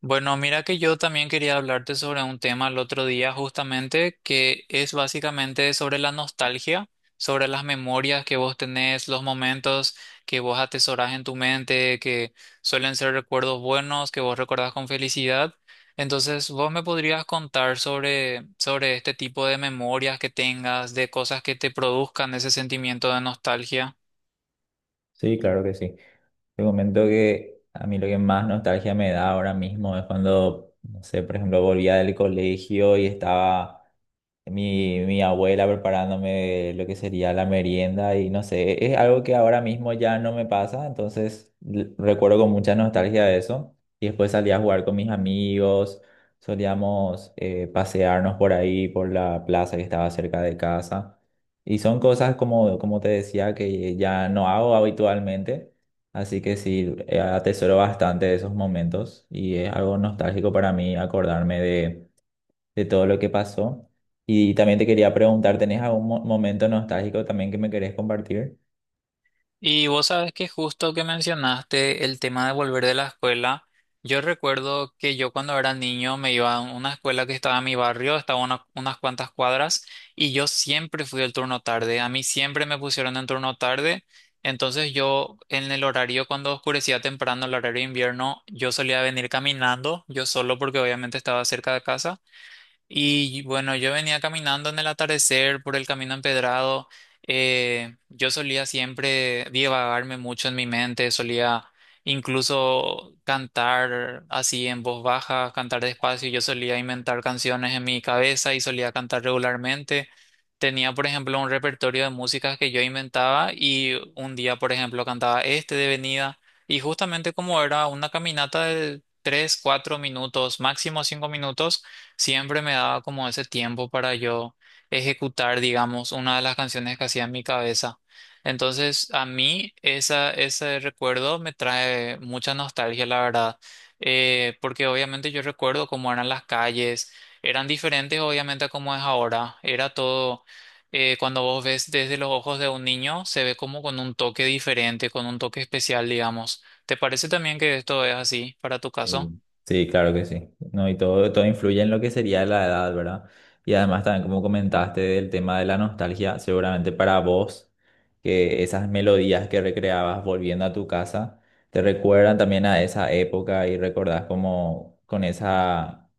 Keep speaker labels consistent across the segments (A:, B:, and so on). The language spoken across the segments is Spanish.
A: Bueno, mira que yo también quería hablarte sobre un tema el otro día justamente que es básicamente sobre la nostalgia, sobre las memorias que vos tenés, los momentos que vos atesorás en tu mente, que suelen ser recuerdos buenos, que vos recordás con felicidad. Entonces, vos me podrías contar sobre este tipo de memorias que tengas, de cosas que te produzcan ese sentimiento de nostalgia.
B: Sí, claro que sí. Te comento que a mí lo que más nostalgia me da ahora mismo es cuando, no sé, por ejemplo, volvía del colegio y estaba mi abuela preparándome lo que sería la merienda y no sé, es algo que ahora mismo ya no me pasa, entonces recuerdo con mucha nostalgia eso. Y después salía a jugar con mis amigos, solíamos pasearnos por ahí, por la plaza que estaba cerca de casa. Y son cosas como, como te decía que ya no hago habitualmente, así que sí, atesoro bastante esos momentos y es algo nostálgico para mí acordarme de todo lo que pasó. Y también te quería preguntar, ¿tenés algún momento nostálgico también que me querés compartir?
A: Y vos sabes que justo que mencionaste el tema de volver de la escuela, yo recuerdo que yo cuando era niño me iba a una escuela que estaba en mi barrio, estaba a unas cuantas cuadras, y yo siempre fui al turno tarde, a mí siempre me pusieron en turno tarde, entonces yo en el horario cuando oscurecía temprano, el horario de invierno, yo solía venir caminando, yo solo porque obviamente estaba cerca de casa. Y bueno, yo venía caminando en el atardecer por el camino empedrado. Yo solía siempre divagarme mucho en mi mente, solía incluso cantar así en voz baja, cantar despacio. Yo solía inventar canciones en mi cabeza y solía cantar regularmente. Tenía, por ejemplo, un repertorio de músicas que yo inventaba y un día, por ejemplo, cantaba este de venida. Y justamente como era una caminata de tres, cuatro minutos, máximo cinco minutos siempre me daba como ese tiempo para yo ejecutar, digamos, una de las canciones que hacía en mi cabeza. Entonces, a mí ese recuerdo me trae mucha nostalgia, la verdad. Porque obviamente yo recuerdo cómo eran las calles, eran diferentes obviamente a cómo es ahora, era todo. Cuando vos ves desde los ojos de un niño, se ve como con un toque diferente, con un toque especial, digamos. ¿Te parece también que esto es así para tu caso?
B: Sí. Sí, claro que sí. No, y todo, todo influye en lo que sería la edad, ¿verdad? Y además también como comentaste del tema de la nostalgia, seguramente para vos, que esas melodías que recreabas volviendo a tu casa, te recuerdan también a esa época y recordás como con esa,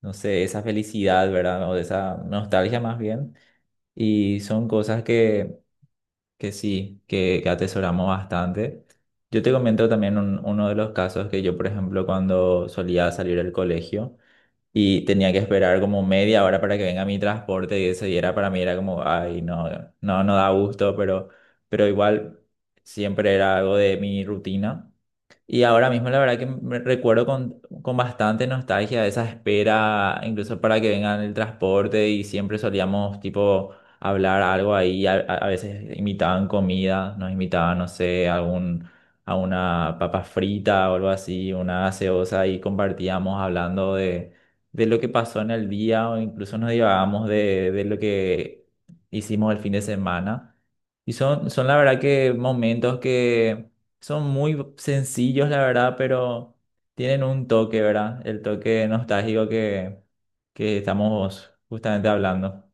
B: no sé, esa felicidad, ¿verdad? O de esa nostalgia más bien. Y son cosas que que sí, que atesoramos bastante. Yo te comento también uno de los casos que yo, por ejemplo, cuando solía salir del colegio y tenía que esperar como media hora para que venga mi transporte y eso, y era para mí era como, ay, no, no da gusto, pero igual siempre era algo de mi rutina. Y ahora mismo la verdad que me recuerdo con bastante nostalgia de esa espera, incluso para que vengan el transporte y siempre solíamos tipo hablar algo ahí, a veces imitaban comida, nos imitaban, no sé, algún, a una papa frita o algo así, una gaseosa y compartíamos hablando de lo que pasó en el día o incluso nos divagábamos de lo que hicimos el fin de semana. Y son la verdad que momentos que son muy sencillos, la verdad, pero tienen un toque, ¿verdad? El toque nostálgico que estamos justamente hablando.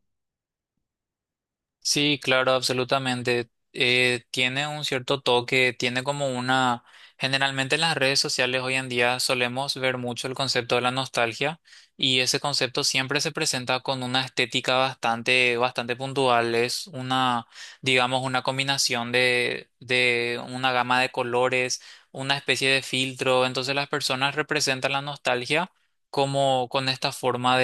A: Sí, claro, absolutamente. Tiene un cierto toque, tiene como una. Generalmente en las redes sociales hoy en día solemos ver mucho el concepto de la nostalgia y ese concepto siempre se presenta con una estética bastante puntual. Es una, digamos, una combinación de una gama de colores, una especie de filtro. Entonces las personas representan la nostalgia como con esta forma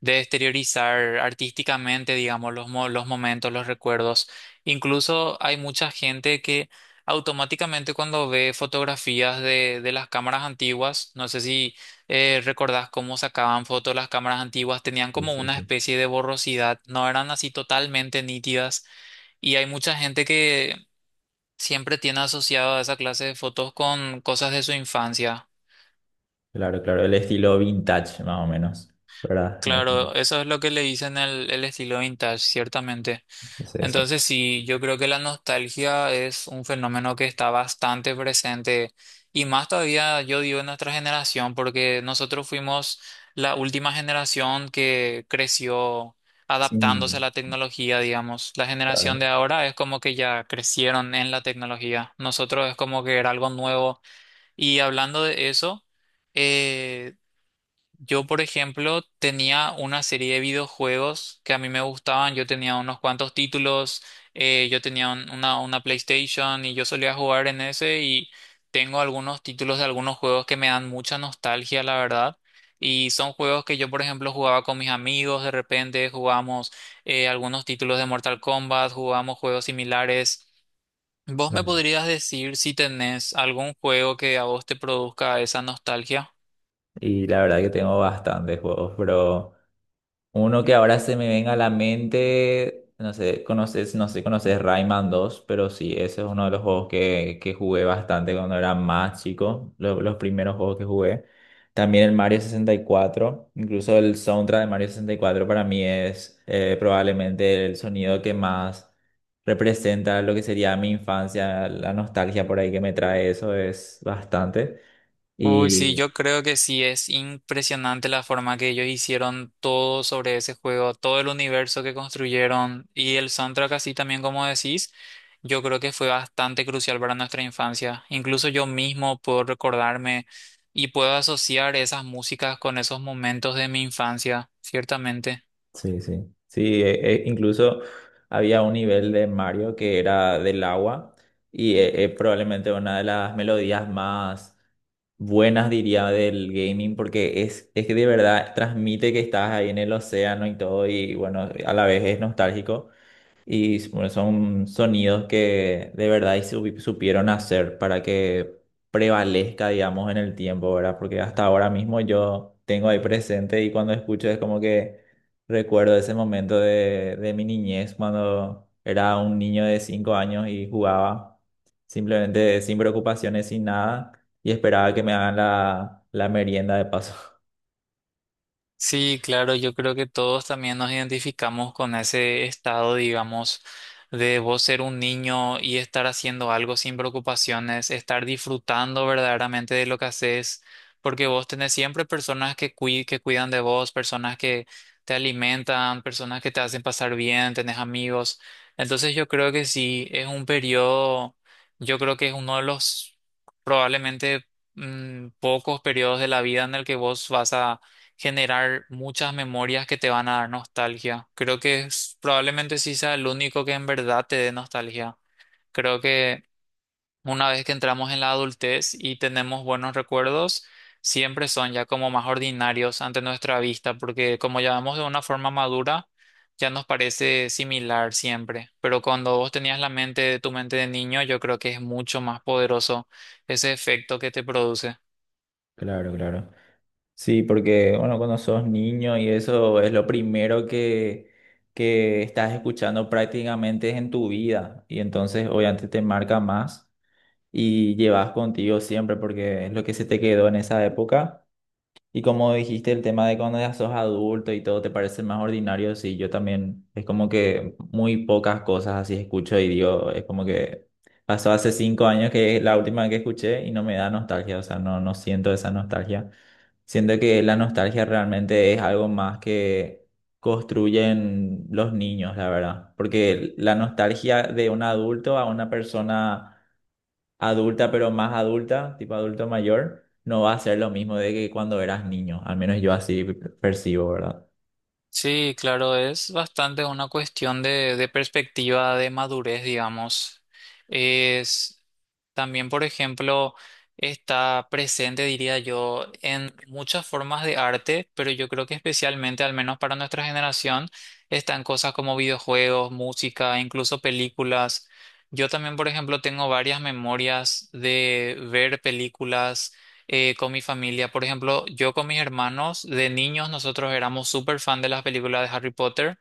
A: de exteriorizar artísticamente, digamos, los momentos, los recuerdos. Incluso hay mucha gente que automáticamente cuando ve fotografías de las cámaras antiguas, no sé si recordás cómo sacaban fotos las cámaras antiguas, tenían
B: Sí,
A: como
B: sí,
A: una
B: sí.
A: especie de borrosidad, no eran así totalmente nítidas. Y hay mucha gente que siempre tiene asociado a esa clase de fotos con cosas de su infancia.
B: Claro, claro, el estilo vintage, más o menos, ¿verdad?
A: Claro, eso es lo que le dicen el estilo vintage, ciertamente.
B: Sí, sí.
A: Entonces sí, yo creo que la nostalgia es un fenómeno que está bastante presente y más todavía yo digo en nuestra generación porque nosotros fuimos la última generación que creció
B: Sí,
A: adaptándose a la tecnología, digamos. La generación de
B: claro.
A: ahora es como que ya crecieron en la tecnología. Nosotros es como que era algo nuevo y hablando de eso, eh, yo, por ejemplo, tenía una serie de videojuegos que a mí me gustaban. Yo tenía unos cuantos títulos, yo tenía una PlayStation y yo solía jugar en ese y tengo algunos títulos de algunos juegos que me dan mucha nostalgia, la verdad. Y son juegos que yo, por ejemplo, jugaba con mis amigos, de repente jugamos algunos títulos de Mortal Kombat, jugamos juegos similares. ¿Vos me
B: Claro.
A: podrías decir si tenés algún juego que a vos te produzca esa nostalgia?
B: Y la verdad que tengo bastantes juegos, pero... Uno que ahora se me venga a la mente, no sé, conoces, no sé, si conoces Rayman 2, pero sí, ese es uno de los juegos que jugué bastante cuando era más chico, los primeros juegos que jugué. También el Mario 64, incluso el soundtrack de Mario 64 para mí es probablemente el sonido que más representa lo que sería mi infancia, la nostalgia por ahí que me trae eso es bastante.
A: Uy, sí,
B: Y
A: yo creo que sí, es impresionante la forma que ellos hicieron todo sobre ese juego, todo el universo que construyeron y el soundtrack así también como decís, yo creo que fue bastante crucial para nuestra infancia. Incluso yo mismo puedo recordarme y puedo asociar esas músicas con esos momentos de mi infancia, ciertamente.
B: sí, sí. Sí, e incluso había un nivel de Mario que era del agua y es probablemente una de las melodías más buenas, diría, del gaming porque es que de verdad transmite que estás ahí en el océano y todo y bueno, a la vez es nostálgico. Y bueno, son sonidos que de verdad y supieron hacer para que prevalezca, digamos, en el tiempo, ¿verdad? Porque hasta ahora mismo yo tengo ahí presente y cuando escucho es como que recuerdo ese momento de mi niñez, cuando era un niño de 5 años y jugaba simplemente sin preocupaciones, sin nada, y esperaba que me hagan la, la merienda de paso.
A: Sí, claro, yo creo que todos también nos identificamos con ese estado, digamos, de vos ser un niño y estar haciendo algo sin preocupaciones, estar disfrutando verdaderamente de lo que haces, porque vos tenés siempre personas que cuidan de vos, personas que te alimentan, personas que te hacen pasar bien, tenés amigos. Entonces yo creo que sí, es un periodo, yo creo que es uno de los probablemente pocos periodos de la vida en el que vos vas a generar muchas memorias que te van a dar nostalgia. Creo que probablemente sí sea el único que en verdad te dé nostalgia. Creo que una vez que entramos en la adultez y tenemos buenos recuerdos, siempre son ya como más ordinarios ante nuestra vista, porque como ya vamos de una forma madura, ya nos parece similar siempre. Pero cuando vos tenías tu mente de niño, yo creo que es mucho más poderoso ese efecto que te produce.
B: Claro, claro. Sí, porque bueno, cuando sos niño y eso es lo primero que estás escuchando prácticamente en tu vida y entonces obviamente te marca más y llevas contigo siempre porque es lo que se te quedó en esa época y como dijiste el tema de cuando ya sos adulto y todo te parece más ordinario, sí, yo también es como que muy pocas cosas así escucho y digo, es como que pasó hace 5 años que es la última que escuché y no me da nostalgia, o sea, no, no siento esa nostalgia. Siento que la nostalgia realmente es algo más que construyen los niños, la verdad. Porque la nostalgia de un adulto a una persona adulta, pero más adulta, tipo adulto mayor, no va a ser lo mismo de que cuando eras niño. Al menos yo así percibo, ¿verdad?
A: Sí, claro, es bastante una cuestión de perspectiva, de madurez, digamos. Es también, por ejemplo, está presente, diría yo, en muchas formas de arte, pero yo creo que especialmente, al menos para nuestra generación, están cosas como videojuegos, música, incluso películas. Yo también, por ejemplo, tengo varias memorias de ver películas con mi familia. Por ejemplo, yo con mis hermanos, de niños nosotros éramos súper fan de las películas de Harry Potter.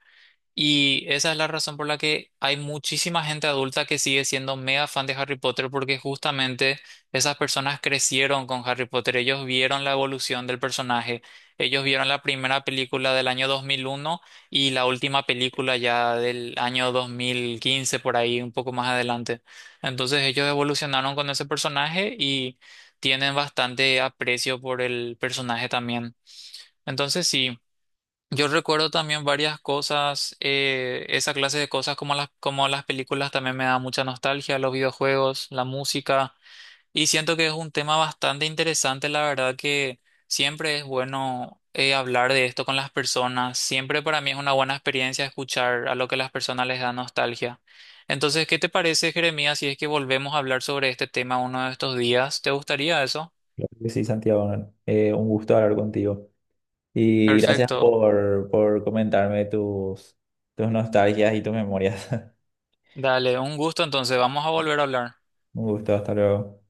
A: Y esa es la razón por la que hay muchísima gente adulta que sigue siendo mega fan de Harry Potter porque justamente esas personas crecieron con Harry Potter, ellos vieron la evolución del personaje, ellos vieron la primera película del año 2001 y la última película ya del año 2015 por ahí, un poco más adelante. Entonces ellos evolucionaron con ese personaje y tienen bastante aprecio por el personaje también. Entonces sí. Yo recuerdo también varias cosas, esa clase de cosas como como las películas también me da mucha nostalgia, los videojuegos, la música, y siento que es un tema bastante interesante, la verdad que siempre es bueno hablar de esto con las personas, siempre para mí es una buena experiencia escuchar a lo que las personas les da nostalgia. Entonces, ¿qué te parece, Jeremías, si es que volvemos a hablar sobre este tema uno de estos días? ¿Te gustaría eso?
B: Claro que sí, Santiago. ¿No? Un gusto hablar contigo. Y gracias
A: Perfecto,
B: por comentarme tus, tus nostalgias y tus memorias.
A: dale, un gusto, entonces vamos a volver a hablar.
B: Un gusto, hasta luego.